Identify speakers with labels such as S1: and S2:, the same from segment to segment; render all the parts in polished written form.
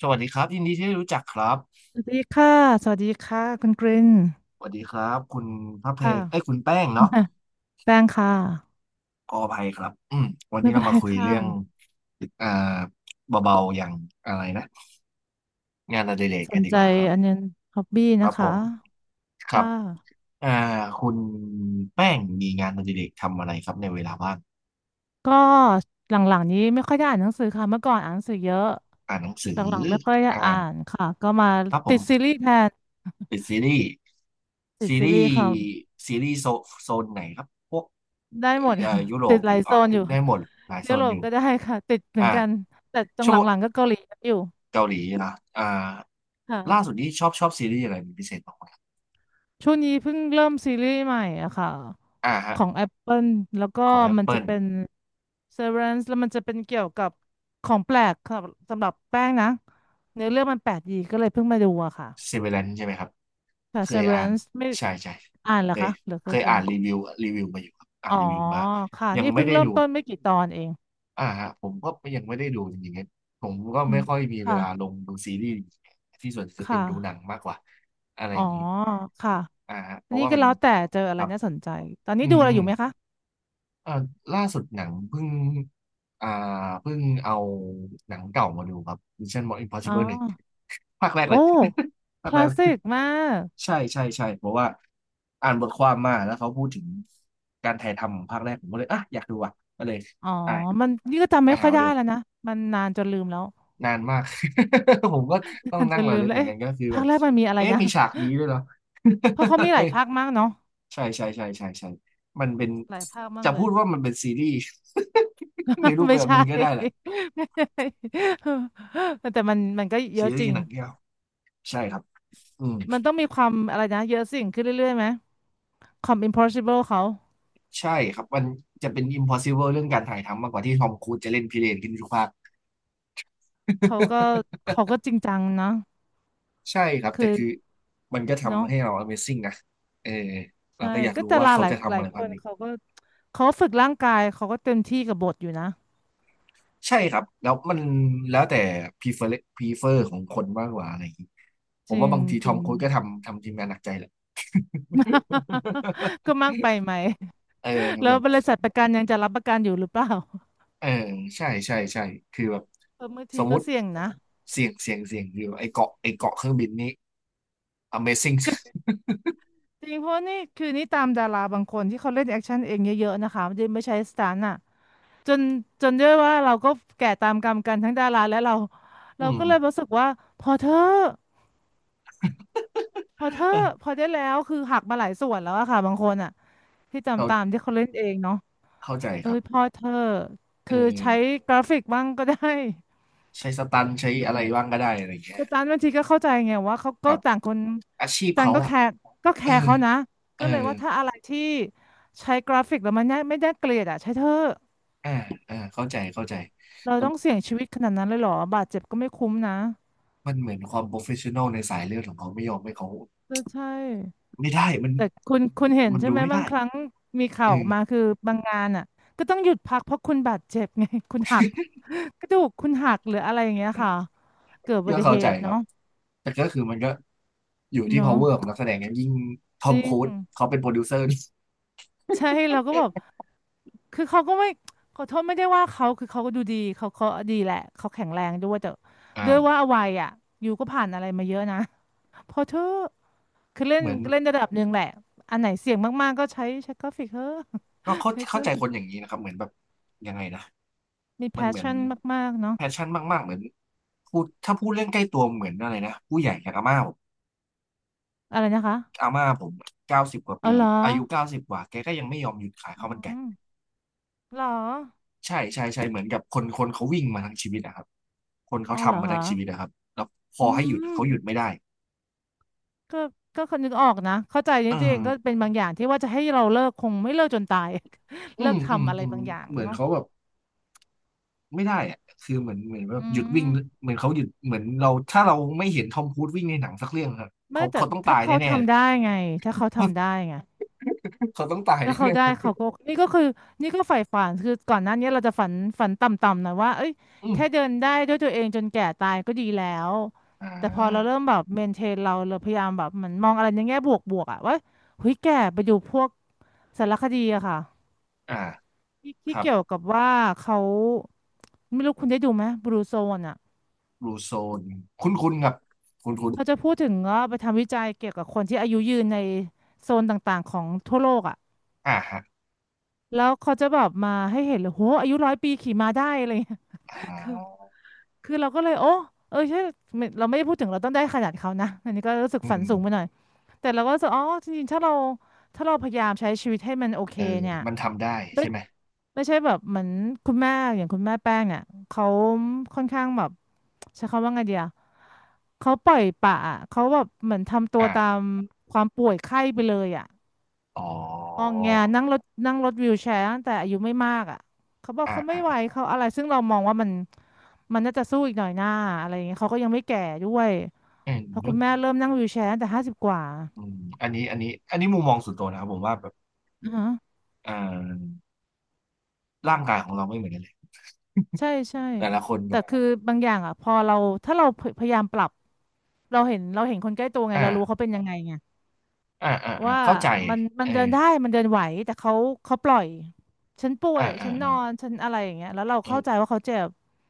S1: สวัสดีครับยินดีที่ได้รู้จักครับ
S2: สวัสดีค่ะสวัสดีค่ะคุณกริน
S1: สวัสดีครับคุณพระเพ
S2: ค่ะ
S1: งเอ้ยคุณแป้งเนาะ
S2: อ่ะ แป้งค่ะ
S1: ขออภัยครับวัน
S2: ไม่
S1: นี้
S2: เป็
S1: เรา
S2: นไร
S1: มาคุย
S2: ค่ะ
S1: เรื่องอ่าเบาๆอย่างอะไรนะงานอดิเรก
S2: ส
S1: กั
S2: น
S1: นดี
S2: ใจ
S1: กว่าครับ
S2: อันเนี้ยฮอบบี้
S1: ครั
S2: นะ
S1: บผ
S2: คะ
S1: มครั
S2: ค่ะ
S1: บอ่าคุณแป้งมีงานอดิเรกทำอะไรครับในเวลาว่าง
S2: ก็หลังๆนี้ไม่ค่อยได้อ่านหนังสือค่ะเมื่อก่อนอ่านหนังสือเยอะ
S1: อ่านหนังสื
S2: ห
S1: อ
S2: ลังๆไม่ค่อยได้
S1: อ่า
S2: อ่านค่ะก็มา
S1: ครับผ
S2: ติ
S1: ม
S2: ดซีรีส์แทน
S1: เป็น
S2: ติด
S1: ซี
S2: ซี
S1: รี
S2: รี
S1: ส์
S2: ส์ค่ะ
S1: ซีรีส์โซนไหนครับพวก
S2: ได้หมด
S1: ยุโร
S2: ติ
S1: ป
S2: ดห
S1: ห
S2: ลา
S1: รื
S2: ย
S1: อ
S2: โซ
S1: อ๋อ
S2: นอยู่
S1: ได้หมดหลายโซ
S2: ยุโร
S1: นอ
S2: ป
S1: ยู่
S2: ก็ได้ค่ะติดเหมื
S1: อ่า
S2: อนกันแต่ตรง
S1: ชั่ว
S2: ห
S1: โมง
S2: ลังๆก็เกาหลีอยู่
S1: เกาหลีนะอ่า
S2: ค่ะ
S1: ล่าสุดนี้ชอบซีรีส์อะไรเป็นพิเศษบ้างไหม
S2: ช่วงนี้เพิ่งเริ่มซีรีส์ใหม่อะค่ะ
S1: อ่าฮะ
S2: ของ Apple แล้วก็
S1: ของ
S2: มันจะ
S1: Apple
S2: เป็น Severance แล้วมันจะเป็นเกี่ยวกับของแปลกค่ะสำหรับแป้งนะเนื้อเรื่องมันแปลกดีก็เลยเพิ่งมาดูอะค่ะ
S1: Severance ใช่ไหมครับ
S2: ค่ะ
S1: เคยอ่าน
S2: Severance ไม่
S1: ใช่ใช่
S2: อ่านเหร
S1: เค
S2: อ
S1: ย
S2: คะหรือก็จะ
S1: อ่านรีวิวมาอยู่ครับอ่าน
S2: อ๋อ
S1: รีวิวมา
S2: ค่ะ
S1: ยัง
S2: นี่
S1: ไม่
S2: เพิ่ง
S1: ได้
S2: เริ่
S1: ดู
S2: มต้นไม่กี่ตอนเอง
S1: อ่าฮะผมก็ยังไม่ได้ดูจริงๆผมก็
S2: อื
S1: ไม่
S2: ม
S1: ค่อยมีเว
S2: ค่ะ
S1: ลาลงดูซีรีส์ที่ส่วนจะเป็น
S2: ค่ะ
S1: ดูหนังมากกว่าอะไรอ
S2: อ๋อ
S1: ย่างนี้
S2: ค่ะ
S1: อ่าฮะเพ
S2: อัน
S1: ราะ
S2: นี้
S1: ว่า
S2: ก็
S1: มัน
S2: แล้วแต่เจออะ
S1: ค
S2: ไร
S1: รับ
S2: น่าสนใจตอน
S1: อื
S2: นี้ดู
S1: ม
S2: อะไรอยู่ไหมคะ
S1: เอ่อล่าสุดหนังเพิ่งอ่าเพิ่งเอาหนังเก่ามาดูครับ Mission
S2: อ๋อ
S1: Impossible 1 ภาคแรก
S2: โอ้
S1: เลย
S2: ค
S1: ภาคแร
S2: ลา
S1: ก
S2: ส
S1: เลย
S2: สิกมาก
S1: ใช่ใช่ใช่เพราะว่าอ่านบทความมาแล้วเขาพูดถึงการถ่ายทำของภาคแรกผมก็เลยอ่ะอยากดูอ่ะก็เลย
S2: อ๋อ
S1: อ่ะ
S2: มันนี่ก็จำ
S1: ไป
S2: ไม่ค่
S1: หา
S2: อย
S1: มา
S2: ได้
S1: ดู
S2: แล้วนะมันนานจนลืมแล้ว
S1: นานมาก ผมก็ต้อ ง
S2: นานจ
S1: นั่ง
S2: น
S1: ระ
S2: ลื
S1: ลึ
S2: ม
S1: ก
S2: แล้
S1: เห
S2: ว
S1: มือน
S2: เอ๊ะ
S1: กันก็คือแบ
S2: ภาค
S1: บ
S2: แรกมันมีอะไร
S1: เอ๊ะ
S2: นะ
S1: มีฉากนี้ด้วยเหรอ
S2: เพราะเขามีหลายภาคมากเนาะ
S1: ใช่ใช่ใช่ใช่ใช่มันเป็น
S2: หลายภาคมา
S1: จะ
S2: กเล
S1: พู
S2: ย
S1: ดว่ามันเป็นซีรีส์ ใน รูป
S2: ไม่
S1: แบบห
S2: ใช่
S1: นึ่ง ก็ได้แหละ
S2: ไม่ใช่ แต่มันก็เย
S1: ซี
S2: อะจ
S1: รี
S2: ริ
S1: ส์
S2: ง
S1: หนังเดียวใช่ครับอืม
S2: มันต้องมีความอะไรนะเยอะสิ่งขึ้นเรื่อยๆไหมความ impossible เขา
S1: ใช่ครับมันจะเป็น impossible เรื่องการถ่ายทำมากกว่าที่ทอมครูซจะเล่นพิเรนขึ้นทุกภาค
S2: เขาก็เขาก็ จริงจังนะ
S1: ใช่ครับ
S2: คื
S1: แต่
S2: อ
S1: คือมันก็
S2: เนาะ
S1: ทำให้เรา Amazing นะเออเรา
S2: ใช่
S1: ก็อยาก
S2: ก็
S1: รู้
S2: ดา
S1: ว่า
S2: รา
S1: เขา
S2: หลาย
S1: จะ
S2: ห
S1: ทำ
S2: ลา
S1: อะ
S2: ย
S1: ไร
S2: ค
S1: บ้าง
S2: น
S1: นี้
S2: เขาก็เขาฝึกร่างกายเขาก็เต็มที่กับบทอยู่นะ
S1: ใช่ครับแล้วมันแล้วแต่ prefer prefer ของคนมากกว่าอะไรอย่างนี้ผ
S2: จ
S1: ม
S2: ริ
S1: ว่า
S2: ง
S1: บางทีท
S2: จ
S1: อ
S2: ริ
S1: ม
S2: ง
S1: ครูซก็ทำทีมงานหนักใจแหละ
S2: ก็ มากไปไหม
S1: เออ
S2: แล้
S1: แบ
S2: ว
S1: บ
S2: บริษัทประกันยังจะรับประกันอยู่หรือเปล่า
S1: เออใช่ใช่ใช่คือแบบ
S2: เออบาง
S1: ส
S2: ที
S1: มมุ
S2: ก็
S1: ติ
S2: เสี่ยงนะ
S1: เสี่ยงอยู่ไอเกาะเครื่องบินนี้ Amazing
S2: จริงเพราะนี่คือนี่ตามดาราบางคนที่เขาเล่นแอคชั่นเองเยอะๆนะคะไม่ได้ไม่ใช้สตันต์อ่ะจนจนด้วยว่าเราก็แก่ตามกรรมกันทั้งดาราและเรา
S1: อื
S2: เรา
S1: ม
S2: ก็เลยรู้สึกว่าพอเธอะพอเธอะ
S1: เออ
S2: พอได้แล้วคือหักมาหลายส่วนแล้วอะค่ะบางคนอ่ะที่ตาม
S1: เข้า
S2: ตามที่เขาเล่นเองเนาะ
S1: เข้าใจค
S2: เอ้
S1: รับ
S2: ยพอเธอะ
S1: เอ
S2: คือใช้
S1: อ
S2: กราฟิกบ้างก็ได้
S1: ใช้สตันใช้
S2: อยู่
S1: อะ
S2: เป็
S1: ไร
S2: น
S1: บ้างก็ได้อะไรอย่างเงี้ย
S2: แต่จันบางทีก็เข้าใจไงว่าเขา
S1: ค
S2: ก็
S1: รับ
S2: ต่างคน
S1: อาชีพ
S2: จัน
S1: เขา
S2: ก็แค
S1: อ่ะ
S2: ร์
S1: เออ
S2: เขานะ
S1: เอ
S2: ก็
S1: อ
S2: เลยว่าถ้าอะไรที่ใช้กราฟิกแล้วมันไม่ได้เกลียดอ่ะใช่เธอะ
S1: อ่าเข้าใจ
S2: เรา
S1: แต่
S2: ต้องเสี่ยงชีวิตขนาดนั้นเลยเหรอบาดเจ็บก็ไม่คุ้มนะ
S1: มันเหมือนความโปรเฟชชั่นอลในสายเลือดของเขาไม่ยอมให้เขา
S2: เออใช่
S1: ไม่ได้มัน
S2: แต่คุณเห็นใช่
S1: ดู
S2: ไหม
S1: ไม่
S2: บาง
S1: ได้
S2: ครั้งมีข่า
S1: เอ
S2: วออกมา
S1: อ
S2: คือบางงานอ่ะก็ต้องหยุดพักเพราะคุณบาดเจ็บไง คุณหักกระดูกคุณหักหรืออะไรอย่างเงี้ยค่ะเกิดอุบั
S1: ก็
S2: ติ
S1: เข้า
S2: เห
S1: ใจ
S2: ตุ
S1: ครั
S2: เนาะ
S1: บ แต่ก็คือมันก็อยู่ที่
S2: เนาะ
S1: power ของนักแสดงนั้นยิ่งทอ
S2: จ
S1: ม
S2: ริ
S1: ครูซ
S2: ง
S1: เขาเป็นโปรดิวเซอร์นี่
S2: ใช่เราก็แบบ คือเขาก็ไม่ขอโทษไม่ได้ว่าเขาคือเขาก็ดูดีเขาดีแหละเขาแข็งแรงด้วยแต่ด้วยว่า
S1: อ่า
S2: วัยอ่ะอยู่ก็ผ่านอะไรมาเยอะนะ พอเธอะคือเล่
S1: เห
S2: น
S1: มือน
S2: เล่นระดับหนึ่งแหละอันไหนเสี่ยงมากๆก็ใช้กราฟิกเถอะ
S1: ก็เข้า
S2: ใช้เถ
S1: เข้าใจคน
S2: อะ
S1: อย่างนี้นะครับ เหมือนแบบยังไงนะ
S2: มีแพ
S1: มัน
S2: ช
S1: เหมือน
S2: ชั่นมากๆเนาะ
S1: แพชชั่นมากๆเหมือนพูดถ้าพูดเรื่องใกล้ตัวเหมือนอะไรนะผู้ใหญ่อย่างอาม่าผม
S2: อะไรนะคะ
S1: อาม่าผมเก้าสิบกว่า
S2: เอา
S1: ปี
S2: เหรอ
S1: อายุเก้าสิบกว่า แกก็ยังไม่ยอมหยุดขายข้าวมันไก่
S2: อืมเหรอ
S1: ใช่ใช่ใช่เหมือนกับคนเขาวิ่งมาทั้งชีวิตนะครับคนเขา
S2: อ๋อเหรอ
S1: ทำมาทั้
S2: คะ
S1: งชีวิตนะครับแล้วพอ
S2: อื
S1: ให้หยุดเขา
S2: ม
S1: หยุดไม่ได้
S2: ก็ก็คนนึกออกนะเข้าใจ
S1: เอ
S2: นี่
S1: อ
S2: ตัวเองก็เป็นบางอย่างที่ว่าจะให้เราเลิกคงไม่เลิกจนตาย
S1: อื
S2: เลิ
S1: ม
S2: ก
S1: อืม
S2: ทำอะไร
S1: อืม
S2: บางอย่าง
S1: เหมือน
S2: เนาะ
S1: เขาแบบไม่ได้อะคือเหมือนแบบ
S2: อื
S1: หยุดวิ่ง
S2: ม
S1: เหมือนเขาหยุดเหมือนเราถ้าเราไม่เห็นทอมครูซวิ่งในหนังสักเรื่องครับ
S2: ไม่แต่
S1: เขาต้องตา
S2: ถ้า
S1: ย
S2: เขา
S1: แน่ๆเลย
S2: ทำได้ไงถ้าเขาทำได้ไง
S1: เขาต้องตาย
S2: ถ้าเขา
S1: แน่
S2: ได้เขาก็นี่ก็คือนี่ก็ใฝ่ฝันคือก่อนหน้านี้เราจะฝันต่ำๆหนะว่าเอ้ย
S1: ๆอืม
S2: แค่เดินได้ด้วยตัวเองจนแก่ตายก็ดีแล้ว
S1: อ่
S2: แต่พอเรา
S1: า
S2: เริ่มแบบเมนเทนเราพยายามแบบเหมือนมองอะไรในแง่บวกๆอะว่าเฮ้ยแก่ไปดูพวกสารคดีอะค่ะ
S1: อ่า
S2: ที่
S1: ค
S2: ที่
S1: รับ
S2: เกี่ยวกับว่าเขาไม่รู้คุณได้ดูไหมบลูโซนอะ
S1: บลูโซนคุ้นคุ้นครับคุ้นคุ้น
S2: เขาจะพูดถึงว่าไปทำวิจัยเกี่ยวกับคนที่อายุยืนในโซนต่างๆของทั่วโลกอะ
S1: อ่าฮะ
S2: แล้วเขาจะแบบมาให้เห็นเลยโหอายุ100 ปีขี่ม้าได้อะไรเงี้ย
S1: อ่า
S2: คือคือเราก็เลยโอ้เออใช่ไม่เราไม่ได้พูดถึงเราต้องได้ขนาดเขานะอันนี้ก็รู้สึก
S1: อื
S2: ฝันสูงไปห
S1: ม
S2: น่อยแต่เราก็รู้สึกอ๋อจริงๆถ้าเราพยายามใช้ชีวิตให้มันโอเค
S1: เออ
S2: เนี่ย
S1: มันทำได้
S2: ไม่
S1: ใช่ไหม
S2: ไม่ใช่แบบเหมือนคุณแม่อย่างคุณแม่แป้งเนี่ยเขาค่อนข้างแบบใช้คำว่าไงเดียเขาปล่อยปละอะเขาแบบเหมือนทำตัว
S1: อ่า
S2: ตามความป่วยไข้ไปเลยอ่ะ
S1: อ๋อ
S2: งองแงนั่งรถวีลแชร์ตั้งแต่อายุไม่มากอ่ะเขาบอก
S1: อ่า
S2: เขาไม่
S1: อ่า
S2: ไหว
S1: อ่า
S2: เขาอะไรซึ่งเรามองว่ามันมันน่าจะสู้อีกหน่อยหน้าอะไรอย่างเงี้ยเขาก็ยังไม่แก่ด้วย
S1: เออ
S2: เพอ
S1: นึ
S2: คุ
S1: ก
S2: ณแม่เริ่มนั่งวีลแชร์ตั้งแต่50 กว่า
S1: อืมอันนี้มุมมองส่วนตัวนะครับผมว่าแบบ
S2: อือฮะ
S1: เอ่อร่างกายของเราไม่เหมือนกันเลย
S2: ใช่ใช่
S1: แต่ละคนแบ
S2: แต่
S1: บ
S2: คือบางอย่างอ่ะพอเราถ้าเราพยายามปรับเราเห็นคนใกล้ตัวไงเรารู้
S1: อ่า
S2: เขาเป็นยังไงไง
S1: อ่าอ่าอ่า
S2: ว่า
S1: เข้าใจ
S2: มันมั
S1: เอ
S2: น
S1: อ
S2: เดินได้มันเดินไหวแต่เขาเขาปล่อยฉันป่ว
S1: อ่า
S2: ย
S1: อ่า
S2: ฉันน
S1: อ่า
S2: อนฉันอะไรอย่างเงี้ยแล้วเราเข้าใจ
S1: เออ
S2: ว่าเขาเจ็บ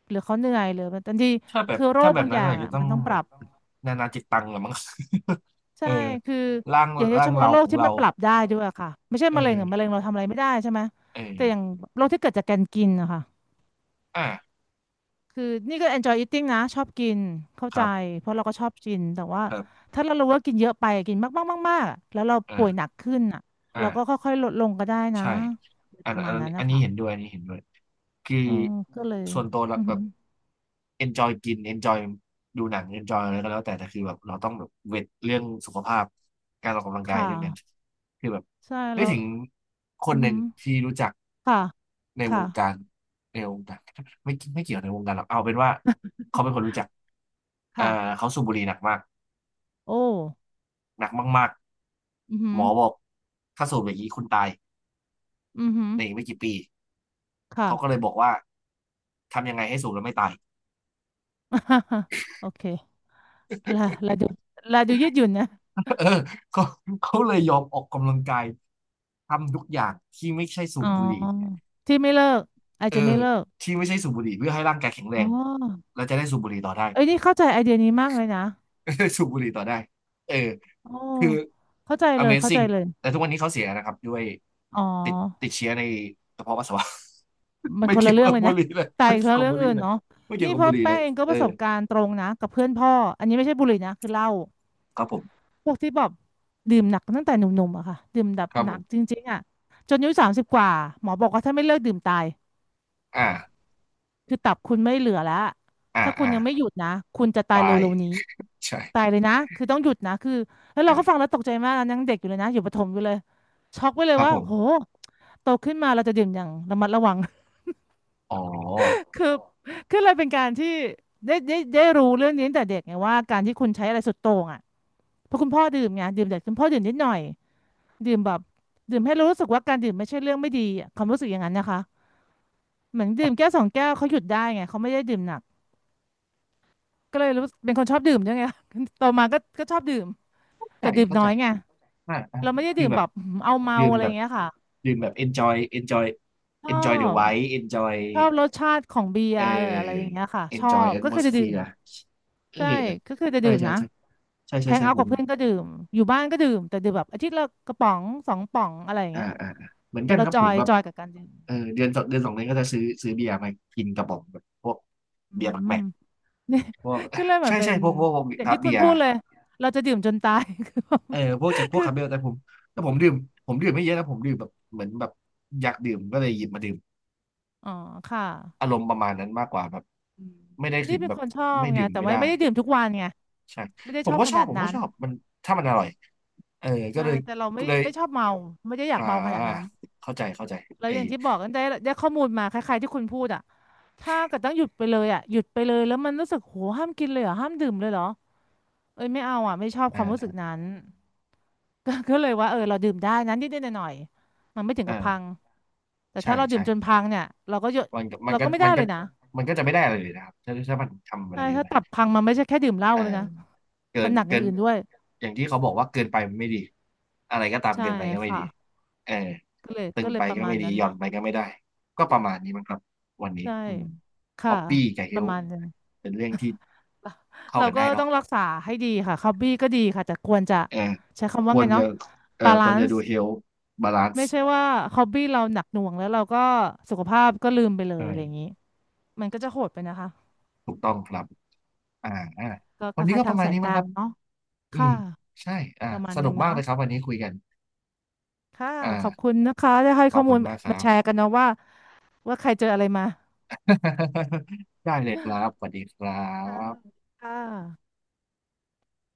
S2: หรือเขาเหนื่อยหรือมันบางที
S1: ถ้าแบบ
S2: คือโร
S1: ถ้า
S2: ค
S1: แบ
S2: บา
S1: บ
S2: งอ
S1: นั้น
S2: ย่า
S1: อา
S2: ง
S1: จจะ
S2: อ่ะ
S1: ต้อ
S2: มั
S1: ง
S2: นต้องป
S1: แบ
S2: รั
S1: บ
S2: บ
S1: นานาจิตตังละมั้ง เอ
S2: ใช่
S1: อ
S2: คือ
S1: ร่าง
S2: อย่าง
S1: ร่า
S2: เฉ
S1: ง
S2: พาะ
S1: เรา
S2: โร
S1: ข
S2: ค
S1: อง
S2: ที่
S1: เรา
S2: มันปรับได้ด้วยอะค่ะไม่ใช่
S1: เอ
S2: มะเร็งอะมะ
S1: อ
S2: เร็งเราทำอะไรไม่ได้ใช่ไหม
S1: เอ
S2: แต่อย่าง
S1: อ
S2: โรคที่เกิดจากการกินนะคะ
S1: อ่า
S2: คือนี่ก็ enjoy eating นะชอบกินเข้า
S1: ค
S2: ใจ
S1: รับ
S2: เพราะเราก็ชอบกินแต่ว่า
S1: ครับ
S2: ถ้าเรารู้ว่ากินเยอะไปกินมากมากมากมากแล้วเราป่วยหนั
S1: อ่า
S2: กขึ้นอ่ะเรา
S1: อ่า
S2: ก็ค่อยๆลดลงก็ได้นะ
S1: ใช่อั
S2: ป
S1: น
S2: ระ
S1: อั
S2: มา
S1: น
S2: ณนั้น
S1: อั
S2: นะ
S1: นนี้เห็น
S2: คะ
S1: ด้วย อันนี้เห็นด้วยคือ
S2: เออก็เลย
S1: ส่วนตัวเรา
S2: อือ
S1: แบ
S2: หื
S1: บ
S2: อ
S1: enjoy กิน enjoy ดูหนัง enjoy อะไรก็แล้วแต่แต่คือแบบเราต้องแบบเวทเรื่องสุขภาพการออกกำลังกาย
S2: ค่ะ
S1: เรื่องนั้นคือแบบ
S2: ใช่
S1: นึ
S2: แล้
S1: ก
S2: ว
S1: ถึงค
S2: อื
S1: น
S2: อ
S1: ห
S2: หื
S1: นึ่ง
S2: อ
S1: ที่รู้จัก
S2: ค่ะ
S1: ในว
S2: ค่ะ
S1: งการในวงการ ไม่เกี่ยวในวงการหรอกเอาเป็นว่าเขาเป็นคนรู้จักเอ่อ
S2: ค่ะ
S1: เขาสูบบุหรี่หนักมาก
S2: โอ้
S1: หนักมาก
S2: อือหื
S1: ๆหม
S2: อ
S1: อบอกถ้าสูบอย่างนี้คุณตาย
S2: อือหือ
S1: ในอีกไม่กี่ปี
S2: ค่ะ
S1: เขาก็เลยบอกว่าทำยังไงให้สูบแล้วไม่ตาย
S2: โอเคลาลาดูลาดูยืดหยุ่นนะ
S1: เออเขาเขาเลยยอมออกกำลังกายทำทุกอย่างที่ไม่ใช่สู
S2: อ๋
S1: บ
S2: อ
S1: บุหรี่
S2: ที่ไม่เลิกอาจ
S1: เออ
S2: จะไม่เลิก
S1: ที่ไม่ใช่สูบบุหรี่เพื่อให้ร่างกายแข็งแร
S2: อ๋
S1: ง
S2: อ
S1: เราจะได้สูบบุหรี่ต่อได้
S2: เอ้ยนี่เข้าใจไอเดียนี้มากเลยนะ
S1: สูบบุหรี่ต่อได้เออ
S2: โอ้
S1: คือ
S2: เข้าใจเลยเข้าใจ
S1: Amazing
S2: เลย
S1: แต่ทุกวันนี้เขาเสียนะครับด้วย
S2: อ๋อ
S1: ติดเชื้อในกระเพาะปัสสาวะ
S2: มัน
S1: ไม่
S2: คน
S1: เกี่
S2: ละ
S1: ยว
S2: เรื่อ
S1: กั
S2: ง
S1: บ
S2: เลย
S1: บุ
S2: นะ
S1: หรี่เลย
S2: แต่
S1: ไม่
S2: อีก
S1: เกี่ย
S2: เรื่
S1: ว
S2: อ
S1: กับบุ
S2: ง
S1: หรี่
S2: อื่น
S1: เลย
S2: เนาะ
S1: ไม่เกี่ย
S2: นี่
S1: วกับ
S2: เพ
S1: บุ
S2: ราะ
S1: หรี่เล
S2: แป้ง
S1: ย
S2: เองก็
S1: เอ
S2: ป
S1: อ
S2: ระสบการณ์ตรงนะกับเพื่อนพ่ออันนี้ไม่ใช่บุหรี่นะคือเหล้า
S1: ครับผม
S2: พวกที่แบบดื่มหนักตั้งแต่หนุ่มๆอะค่ะดื่มแบบ
S1: ครับ
S2: ห
S1: ผ
S2: นักจ
S1: ม
S2: ริงๆอะจนอายุ30 กว่าหมอบอกว่าถ้าไม่เลิกดื่มตาย
S1: อ่า
S2: คือตับคุณไม่เหลือแล้ว
S1: อ่า
S2: ถ้าคุณ
S1: อ่า
S2: ยังไม่หยุดนะ คุณจะตาย
S1: ตาย
S2: เร็วๆนี้
S1: ใช่
S2: ตายเลยนะ คือต้องหยุดนะคือแล้วเราก็ฟัง
S1: อ่า
S2: แล้วตกใจมากนะยังเด็กอยู่เลยนะอยู่ประถมอยู่เลยช็อกไปเล
S1: ค
S2: ย
S1: รับ
S2: ว่า
S1: ผ
S2: โห
S1: ม
S2: โตขึ้นมาเราจะดื่มอย่างระมัดระวัง
S1: อ๋อ
S2: คือคือเลยเป็นการที่ได้รู้เรื่องนี้ตั้งแต่เด็กไงว่าการที่คุณใช้อะไรสุดโต่งอ่ะเพราะคุณพ่อดื่มไงดื่มแต่คุณพ่อดื่มนิดหน่อยดื่มแบบดื่มให้รู้สึกว่าการดื่มไม่ใช่เรื่องไม่ดีอะความรู้สึกอย่างนั้นนะคะเหมือนดื่มแก้วสองแก้วเขาหยุดได้ไงเขาไม่ได้ดื่มหนัก ก็เลยรู้เป็นคนชอบดื่มด้วยไง โตมาก็ชอบดื่ม
S1: เข้าใจ
S2: แต่ดื่ม
S1: เข้า
S2: น้อ
S1: ใจ
S2: ยไง
S1: อ่าอ่า
S2: เราไม่ได้
S1: คื
S2: ดื่
S1: อ
S2: ม
S1: แบ
S2: แบ
S1: บ
S2: บเอาเมา
S1: ดื่ม
S2: อะไร
S1: แบ
S2: อย่า
S1: บ
S2: งเงี้ยค่ะ
S1: ดื่มแบบ enjoy enjoy
S2: ชอ
S1: enjoy the
S2: บ
S1: vibe enjoy
S2: ชอบรสชาติของเบีย
S1: เอ่
S2: ร์อะไรอย่า
S1: อ
S2: งเงี้ยค่ะชอ
S1: enjoy
S2: บก็คือจะดื่ม
S1: atmosphere เออ
S2: ใช่ก็คือจะ
S1: ใช่
S2: ดื่ม
S1: ใช่
S2: นะ
S1: ใช่ใช่
S2: แฮ
S1: ใช่
S2: ง
S1: ใช่
S2: เอาท์
S1: ผ
S2: กับ
S1: ม
S2: เพื่อนก็ดื่มอยู่บ้านก็ดื่มแต่ดื่มแบบอาทิตย์ละกระป๋องสองป๋องอะไรอย่าง
S1: อ่า
S2: เงี้ย
S1: อ่าอ่าเหมือนกัน
S2: เรา
S1: ครับ
S2: จอ
S1: ผม
S2: ย
S1: แบบ
S2: จอยกับการดื่ม
S1: เออเดือนสองเดือนสองเดือนก็จะซื้อเบียร์มากินกระป๋องแบบพวก
S2: อื
S1: เบียร์แบกแบ
S2: ม
S1: ก
S2: เนี่ย
S1: พวก
S2: ก็เลยเห มือ
S1: ใช่
S2: นเป็
S1: ใช่
S2: น
S1: พวก
S2: อย่าง
S1: ทับ
S2: ที่
S1: เบี
S2: คุณ
S1: ยร์
S2: พูดเลยเราจะดื่มจนตาย
S1: เออพวกจากพ วก
S2: คื
S1: คาเมล
S2: อ
S1: แต่ผมแต่ผมดื่มผมดื่มไม่เยอะนะผมดื่มแบบเหมือนแบบอยากดื่มก็เลยหยิบมาดื่ม
S2: อ๋อค่ะ
S1: อารมณ์ประมาณนั้นมากกว่าแบบไม่ได้
S2: นี่
S1: ถึง
S2: เป็น
S1: แบ
S2: ค
S1: บ
S2: นชอบ
S1: ไม่
S2: ไง
S1: ดื่ม
S2: แต่
S1: ไม่
S2: ไม่
S1: ได้
S2: ไม่ได้ดื่มทุกวันไง
S1: ใช่
S2: ไม่ได้
S1: ผ
S2: ช
S1: ม
S2: อบ
S1: ก็
S2: ข
S1: ชอ
S2: นา
S1: บ
S2: ด
S1: ผม
S2: นั้
S1: ก็
S2: น
S1: ชอบมันถ้ามันอร่อยเออก็
S2: ใช่
S1: เลย
S2: แต่เราไม่
S1: ก็เลย
S2: ไม่ชอบเมาไม่ได้อยาก
S1: อ่า
S2: เมาขนาดนั้น
S1: เข้าใจเข้าใจ
S2: แล้ว
S1: ไอ
S2: อย่างที่บอกกันได้ข้อมูลมาคล้ายๆที่คุณพูดอ่ะถ้าเกิดต้องหยุดไปเลยอ่ะหยุดไปเลยแล้วมันรู้สึกโหห้ามกินเลยเหรอห้ามดื่มเลยเหรอเอ้ยไม่เอาอ่ะไม่ชอบความรู้สึ
S1: อ่า
S2: กนั้น ก็เลยว่าเออเราดื่มได้นั้นนิดๆหน่อยๆมันไม่ถึงกับพัง
S1: อ่า
S2: แต่
S1: ใช่
S2: ถ้าเราดื่
S1: ใช่
S2: มจนพังเนี่ยเราก็หยุด
S1: มันก็มัน
S2: เรา
S1: ก็
S2: ก็ไม่
S1: มั
S2: ได้
S1: น
S2: เล
S1: ก็
S2: ยนะ
S1: จะไม่ได้อะไรเลยนะครับถ้ามันทำอะไร
S2: ใช่
S1: เยอะ
S2: ถ้า
S1: ไป
S2: ตับพังมันไม่ใช่แค่ดื่มเหล้า
S1: เออ
S2: เลยนะ
S1: เกิ
S2: มัน
S1: น
S2: หนักอย่างอื่นด้วย
S1: อย่างที่เขาบอกว่าเกินไปมันไม่ดีอะไรก็ตาม
S2: ใช่
S1: เกินไปก็ไม่
S2: ค่ะ
S1: ดีเออ
S2: ก็เลย
S1: ตึง
S2: ก็เล
S1: ไป
S2: ยประ
S1: ก็
S2: มา
S1: ไม่
S2: ณ
S1: ดี
S2: นั้น
S1: หย่อน
S2: เนาะ
S1: ไปก็ไม่ได้ก็ประมาณนี้มั้งครับวันนี้
S2: ใช่
S1: อืมฮ
S2: ค่ะ
S1: อปปี้กับเฮ
S2: ประ
S1: ล
S2: มาณนึง
S1: เป็นเรื่องที่
S2: เรา
S1: เข้า
S2: เรา
S1: กัน
S2: ก็
S1: ได้
S2: ต้
S1: เนาะ
S2: องรักษาให้ดีค่ะฮอบบี้ก็ดีค่ะแต่ควรจะ
S1: เออ
S2: ใช้คำ
S1: ค
S2: ว่า
S1: ว
S2: ไง
S1: รจะ
S2: เนาะ
S1: เออ
S2: บา
S1: คว
S2: ลา
S1: ร
S2: น
S1: จะดู
S2: ซ์
S1: เฮลบาลาน
S2: ไม่
S1: ซ์
S2: ใช่ว่าฮอบบี้เราหนักหน่วงแล้วเราก็สุขภาพก็ลืมไปเลย
S1: ใช่
S2: อะไรอย่างนี้มันก็จะโหดไปนะคะ
S1: ถูกต้องครับอ่าอ่า
S2: ก็
S1: วั
S2: ค
S1: นนี้
S2: ล้า
S1: ก็
S2: ยๆ
S1: ป
S2: ทาง
S1: ระมาณ
S2: สาย
S1: นี้
S2: ก
S1: มั้ง
S2: ลา
S1: ครั
S2: ง
S1: บ
S2: เนาะ
S1: อืม
S2: ค่ะ
S1: ใช่อ่า
S2: ประมาณ
S1: ส
S2: นึ
S1: นุก
S2: ง
S1: มากเล
S2: เนาะ
S1: ยครับวันนี้คุยกัน
S2: ค่ะขอบ
S1: อ่า
S2: คุณนะคะที่ให้
S1: ข
S2: ข้
S1: อ
S2: อ
S1: บ
S2: มู
S1: คุณ
S2: ล
S1: มากค
S2: มา
S1: รับ
S2: แชร์กันเนาะว่าใครเจออะไรมา
S1: ได้เลยครับ สวัสดีครั
S2: ค่ะ
S1: บ
S2: ค่ะ